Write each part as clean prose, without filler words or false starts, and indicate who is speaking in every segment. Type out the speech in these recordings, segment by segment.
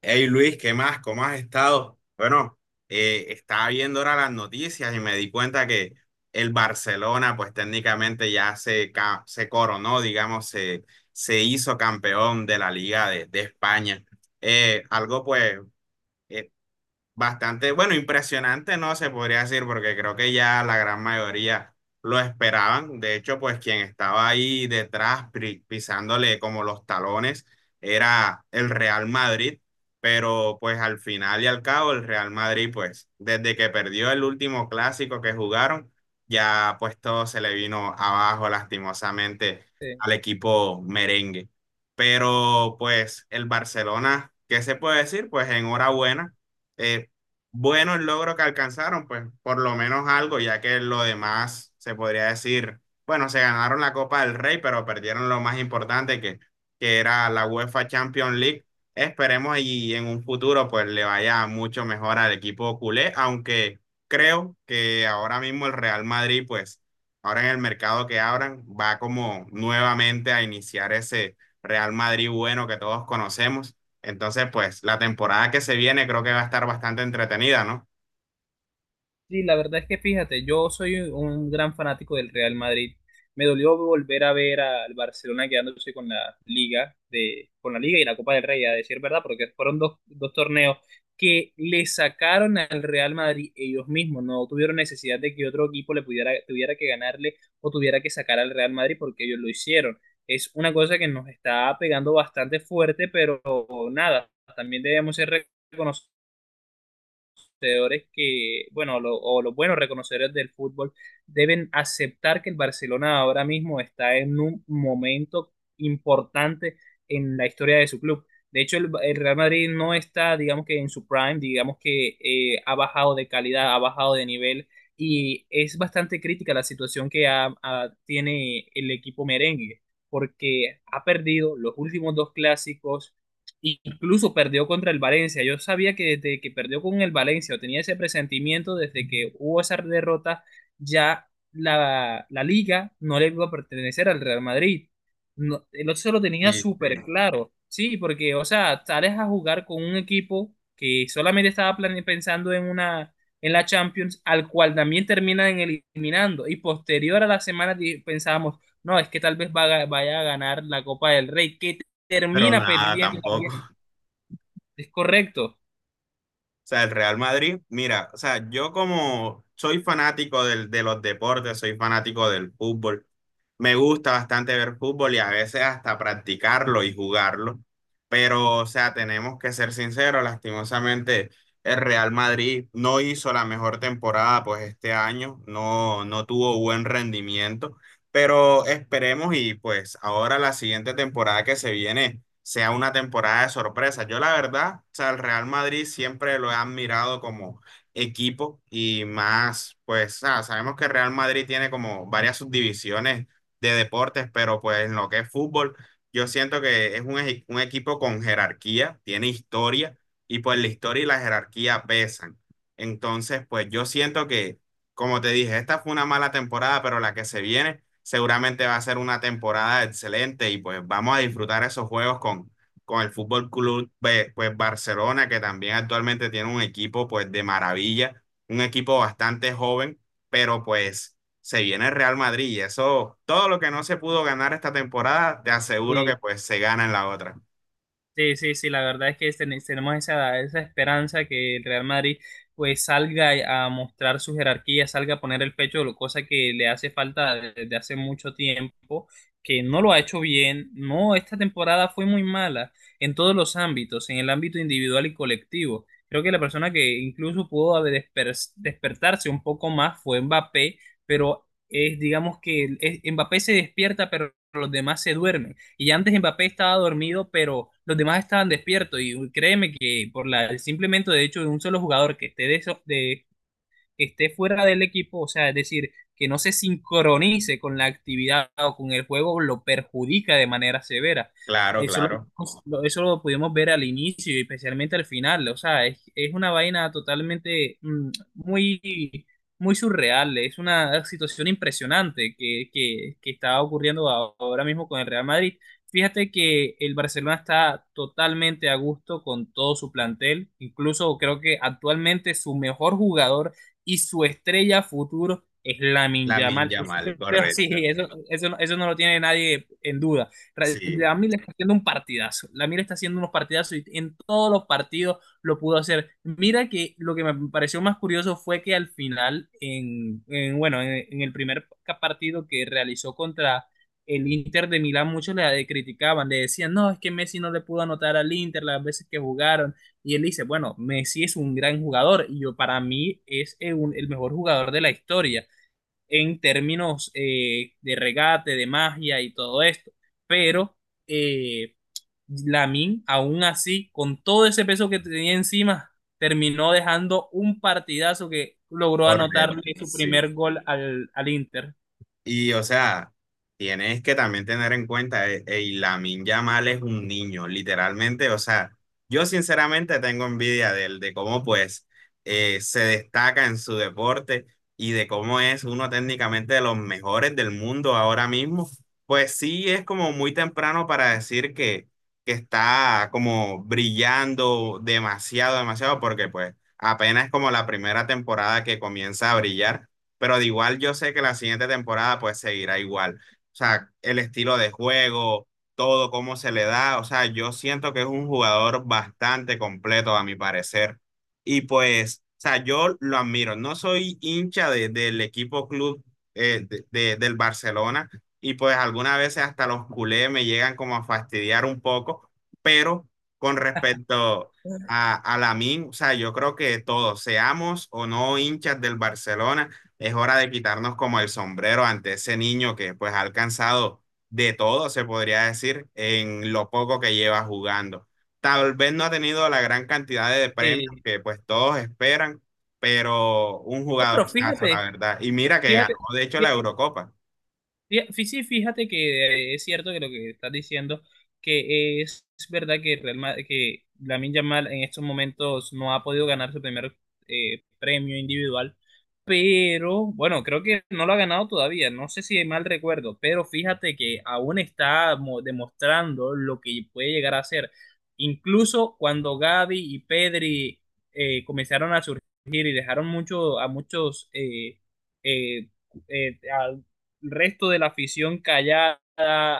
Speaker 1: Hey Luis, ¿qué más? ¿Cómo has estado? Bueno, estaba viendo ahora las noticias y me di cuenta que el Barcelona, pues técnicamente se coronó, digamos, se hizo campeón de la Liga de España. Eh, algo pues eh, Bastante, bueno, impresionante, no se podría decir, porque creo que ya la gran mayoría lo esperaban. De hecho, pues quien estaba ahí detrás pisándole como los talones era el Real Madrid, pero pues al final y al cabo el Real Madrid, pues desde que perdió el último clásico que jugaron, ya pues todo se le vino abajo lastimosamente
Speaker 2: Sí,
Speaker 1: al equipo merengue. Pero pues el Barcelona, ¿qué se puede decir? Pues enhorabuena eh, bueno el logro que alcanzaron, pues por lo menos algo, ya que lo demás se podría decir, bueno, se ganaron la Copa del Rey, pero perdieron lo más importante que era la UEFA Champions League. Esperemos y en un futuro pues le vaya mucho mejor al equipo culé, aunque creo que ahora mismo el Real Madrid pues ahora en el mercado que abran va como nuevamente a iniciar ese Real Madrid, bueno, que todos conocemos. Entonces, pues la temporada que se viene creo que va a estar bastante entretenida, ¿no?
Speaker 2: Sí, la verdad es que fíjate, yo soy un gran fanático del Real Madrid. Me dolió volver a ver al Barcelona quedándose con la con la Liga y la Copa del Rey, a decir verdad, porque fueron dos torneos que le sacaron al Real Madrid ellos mismos. No tuvieron necesidad de que otro equipo le tuviera que ganarle o tuviera que sacar al Real Madrid porque ellos lo hicieron. Es una cosa que nos está pegando bastante fuerte, pero nada, también debemos ser reconocidos conocedores que, bueno, lo- o los buenos reconocedores del fútbol deben aceptar que el Barcelona ahora mismo está en un momento importante en la historia de su club. De hecho, el Real Madrid no está, digamos que en su prime, digamos que ha bajado de calidad, ha bajado de nivel y es bastante crítica la situación que tiene el equipo merengue porque ha perdido los últimos dos clásicos. Incluso perdió contra el Valencia. Yo sabía que desde que perdió con el Valencia, o tenía ese presentimiento desde que hubo esa derrota, ya la liga no le iba a pertenecer al Real Madrid. No, el otro se lo tenía
Speaker 1: Sí,
Speaker 2: súper
Speaker 1: sí.
Speaker 2: claro. Sí, porque, o sea, sales a jugar con un equipo que solamente estaba pensando en una en la Champions, al cual también terminan eliminando. Y posterior a la semana pensábamos, no, es que tal vez vaya a ganar la Copa del Rey, que
Speaker 1: Pero
Speaker 2: termina
Speaker 1: nada,
Speaker 2: perdiendo
Speaker 1: tampoco.
Speaker 2: también. Es correcto.
Speaker 1: O sea, el Real Madrid, mira, o sea, yo como soy fanático de los deportes, soy fanático del fútbol. Me gusta bastante ver fútbol y a veces hasta practicarlo y jugarlo, pero o sea, tenemos que ser sinceros, lastimosamente el Real Madrid no hizo la mejor temporada pues este año, no, no tuvo buen rendimiento, pero esperemos y pues ahora la siguiente temporada que se viene sea una temporada de sorpresa. Yo la verdad, o sea, el Real Madrid siempre lo he admirado como equipo y más, pues ah, sabemos que el Real Madrid tiene como varias subdivisiones de deportes, pero pues en lo que es fútbol, yo siento que es un, un equipo con jerarquía, tiene historia, y pues la historia y la jerarquía pesan. Entonces, pues yo siento que, como te dije, esta fue una mala temporada, pero la que se viene seguramente va a ser una temporada excelente y pues vamos a disfrutar esos juegos con el Fútbol Club pues, Barcelona, que también actualmente tiene un equipo pues de maravilla, un equipo bastante joven, pero pues se viene el Real Madrid y eso, todo lo que no se pudo ganar esta temporada, te aseguro
Speaker 2: Eh,
Speaker 1: que pues se gana en la otra.
Speaker 2: Sí, sí, sí, la verdad es que tenemos esa esperanza que el Real Madrid pues salga a mostrar su jerarquía, salga a poner el pecho, cosa que le hace falta desde hace mucho tiempo, que no lo ha hecho bien. No, esta temporada fue muy mala en todos los ámbitos, en el ámbito individual y colectivo. Creo que la persona que incluso pudo haber despertarse un poco más fue Mbappé, pero es, digamos que Mbappé se despierta, pero los demás se duermen. Y antes Mbappé estaba dormido, pero los demás estaban despiertos. Y créeme que por el simplemente de hecho de un solo jugador que de esté fuera del equipo, o sea, es decir, que no se sincronice con la actividad o con el juego, lo perjudica de manera severa.
Speaker 1: Claro, claro.
Speaker 2: Eso lo pudimos ver al inicio y especialmente al final. O sea, es una vaina totalmente muy, muy surreal. Es una situación impresionante que está ocurriendo ahora mismo con el Real Madrid. Fíjate que el Barcelona está totalmente a gusto con todo su plantel. Incluso creo que actualmente su mejor jugador y su estrella futuro es Lamin
Speaker 1: Lamine
Speaker 2: Yamal.
Speaker 1: Yamal,
Speaker 2: Eso, sí,
Speaker 1: correcto.
Speaker 2: no, eso, no lo tiene nadie en duda.
Speaker 1: Sí,
Speaker 2: Lamin está haciendo un partidazo. Lamin está haciendo unos partidazos y en todos los partidos lo pudo hacer. Mira que lo que me pareció más curioso fue que al final, en bueno, en, el primer partido que realizó contra el Inter de Milán, muchos le criticaban, le decían, no, es que Messi no le pudo anotar al Inter las veces que jugaron, y él dice, bueno, Messi es un gran jugador y yo para mí es el mejor jugador de la historia en términos de regate, de magia y todo esto. Pero eh, Lamine, aún así, con todo ese peso que tenía encima, terminó dejando un partidazo que logró
Speaker 1: correcto.
Speaker 2: anotarle su
Speaker 1: Sí.
Speaker 2: primer gol al Inter.
Speaker 1: Y o sea, tienes que también tener en cuenta, ey, Lamine Yamal es un niño, literalmente. O sea, yo sinceramente tengo envidia de él, de cómo pues se destaca en su deporte y de cómo es uno técnicamente de los mejores del mundo ahora mismo. Pues sí, es como muy temprano para decir que está como brillando demasiado, demasiado, porque pues apenas como la primera temporada que comienza a brillar, pero de igual yo sé que la siguiente temporada pues seguirá igual. O sea, el estilo de juego, todo cómo se le da, o sea, yo siento que es un jugador bastante completo a mi parecer. Y pues, o sea, yo lo admiro. No soy hincha del equipo club del Barcelona y pues algunas veces hasta los culés me llegan como a fastidiar un poco, pero con respecto a Lamine, o sea, yo creo que todos, seamos o no hinchas del Barcelona, es hora de quitarnos como el sombrero ante ese niño que pues ha alcanzado de todo, se podría decir, en lo poco que lleva jugando. Tal vez no ha tenido la gran cantidad de premios
Speaker 2: Eh,
Speaker 1: que pues todos esperan, pero un
Speaker 2: no,
Speaker 1: jugador
Speaker 2: pero
Speaker 1: la
Speaker 2: fíjate,
Speaker 1: verdad. Y mira que
Speaker 2: fíjate,
Speaker 1: ganó, de hecho, la Eurocopa.
Speaker 2: Fí- fí- sí, fíjate que es cierto que lo que estás diciendo, que es verdad que, Lamine Yamal en estos momentos no ha podido ganar su primer premio individual, pero bueno, creo que no lo ha ganado todavía, no sé si mal recuerdo, pero fíjate que aún está demostrando lo que puede llegar a ser. Incluso cuando Gavi y Pedri comenzaron a surgir y dejaron mucho, a eh, eh, resto de la afición callada,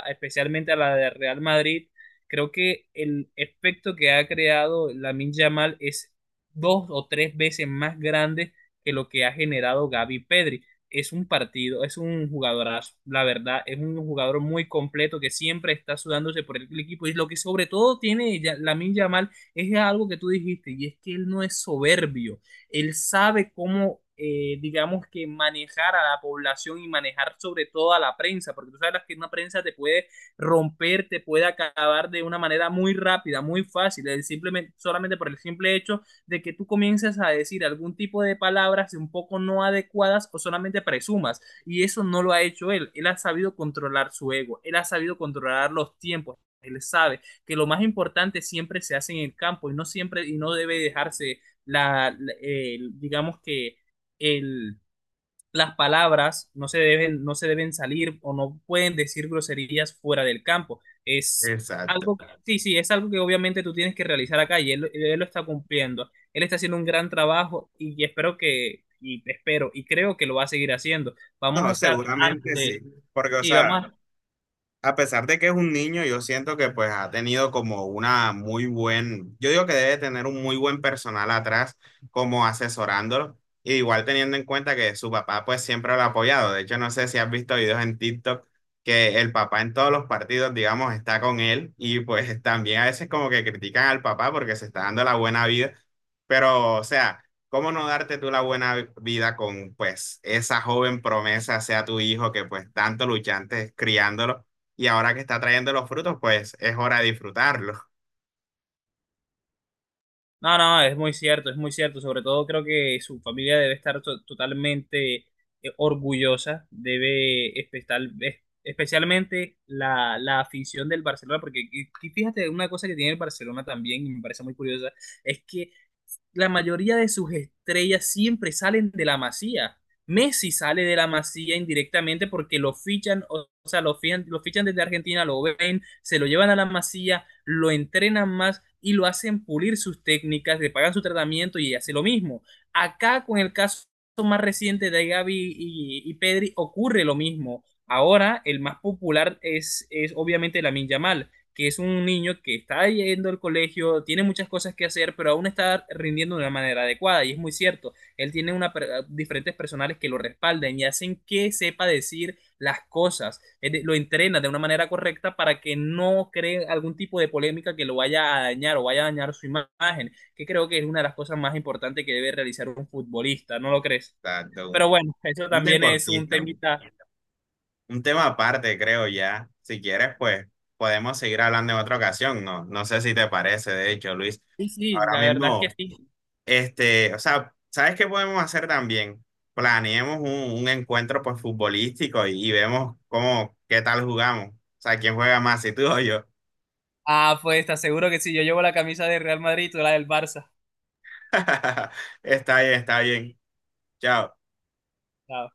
Speaker 2: especialmente a la de Real Madrid, creo que el efecto que ha creado Lamin Yamal es dos o tres veces más grande que lo que ha generado Gavi Pedri. Es un partido, es un jugadorazo, la verdad, es un jugador muy completo que siempre está sudándose por el equipo. Y lo que sobre todo tiene Lamine Yamal es algo que tú dijiste, y es que él no es soberbio. Él sabe cómo, digamos que manejar a la población y manejar sobre todo a la prensa, porque tú sabes que una prensa te puede romper, te puede acabar de una manera muy rápida, muy fácil, solamente por el simple hecho de que tú comiences a decir algún tipo de palabras un poco no adecuadas o solamente presumas, y eso no lo ha hecho él, él ha sabido controlar su ego, él ha sabido controlar los tiempos, él sabe que lo más importante siempre se hace en el campo y no siempre y no debe dejarse digamos que el, las palabras no se deben salir o no pueden decir groserías fuera del campo. Es
Speaker 1: Exacto.
Speaker 2: algo, sí, sí, es algo que obviamente tú tienes que realizar acá y él lo está cumpliendo. Él está haciendo un gran trabajo y espero y creo que lo va a seguir haciendo. Vamos a
Speaker 1: No,
Speaker 2: estar
Speaker 1: seguramente sí,
Speaker 2: ante,
Speaker 1: porque, o
Speaker 2: sí,
Speaker 1: sea,
Speaker 2: vamos a
Speaker 1: a pesar de que es un niño, yo siento que pues ha tenido como una muy buen, yo digo que debe tener un muy buen personal atrás como asesorándolo, y igual teniendo en cuenta que su papá pues siempre lo ha apoyado. De hecho, no sé si has visto videos en TikTok que el papá en todos los partidos, digamos, está con él y pues también a veces como que critican al papá porque se está dando la buena vida, pero o sea, ¿cómo no darte tú la buena vida con pues esa joven promesa, sea tu hijo que pues tanto luchaste criándolo? Y ahora que está trayendo los frutos, pues es hora de disfrutarlos.
Speaker 2: No, no, es muy cierto, es muy cierto. Sobre todo creo que su familia debe estar totalmente orgullosa, especialmente la afición del Barcelona, porque y fíjate una cosa que tiene el Barcelona también, y me parece muy curiosa, es que la mayoría de sus estrellas siempre salen de la Masía. Messi sale de la Masía indirectamente porque lo fichan, o sea, lo fichan desde Argentina, lo ven, se lo llevan a la Masía, lo entrenan más y lo hacen pulir sus técnicas, le pagan su tratamiento y hace lo mismo. Acá con el caso más reciente de Gavi y Pedri ocurre lo mismo. Ahora el más popular es obviamente Lamin Yamal que es un niño que está yendo al colegio, tiene muchas cosas que hacer, pero aún está rindiendo de una manera adecuada. Y es muy cierto, él tiene una, diferentes personales que lo respalden y hacen que sepa decir las cosas, él lo entrena de una manera correcta para que no cree algún tipo de polémica que lo vaya a dañar o vaya a dañar su imagen, que creo que es una de las cosas más importantes que debe realizar un futbolista, ¿no lo crees?
Speaker 1: Exacto,
Speaker 2: Pero bueno, eso
Speaker 1: un
Speaker 2: también es un
Speaker 1: deportista,
Speaker 2: temita.
Speaker 1: un tema aparte, creo ya. Si quieres, pues podemos seguir hablando en otra ocasión, ¿no? No sé si te parece, de hecho, Luis.
Speaker 2: Sí, sí,
Speaker 1: Ahora
Speaker 2: la verdad es que
Speaker 1: mismo,
Speaker 2: sí.
Speaker 1: este, o sea, ¿sabes qué podemos hacer también? Planeemos un encuentro pues futbolístico y vemos cómo, qué tal jugamos. O sea, quién juega más, si tú o yo.
Speaker 2: Ah, pues te aseguro que si yo llevo la camisa del Real Madrid, tú la del Barça.
Speaker 1: Está bien, está bien. Chao.
Speaker 2: Ah,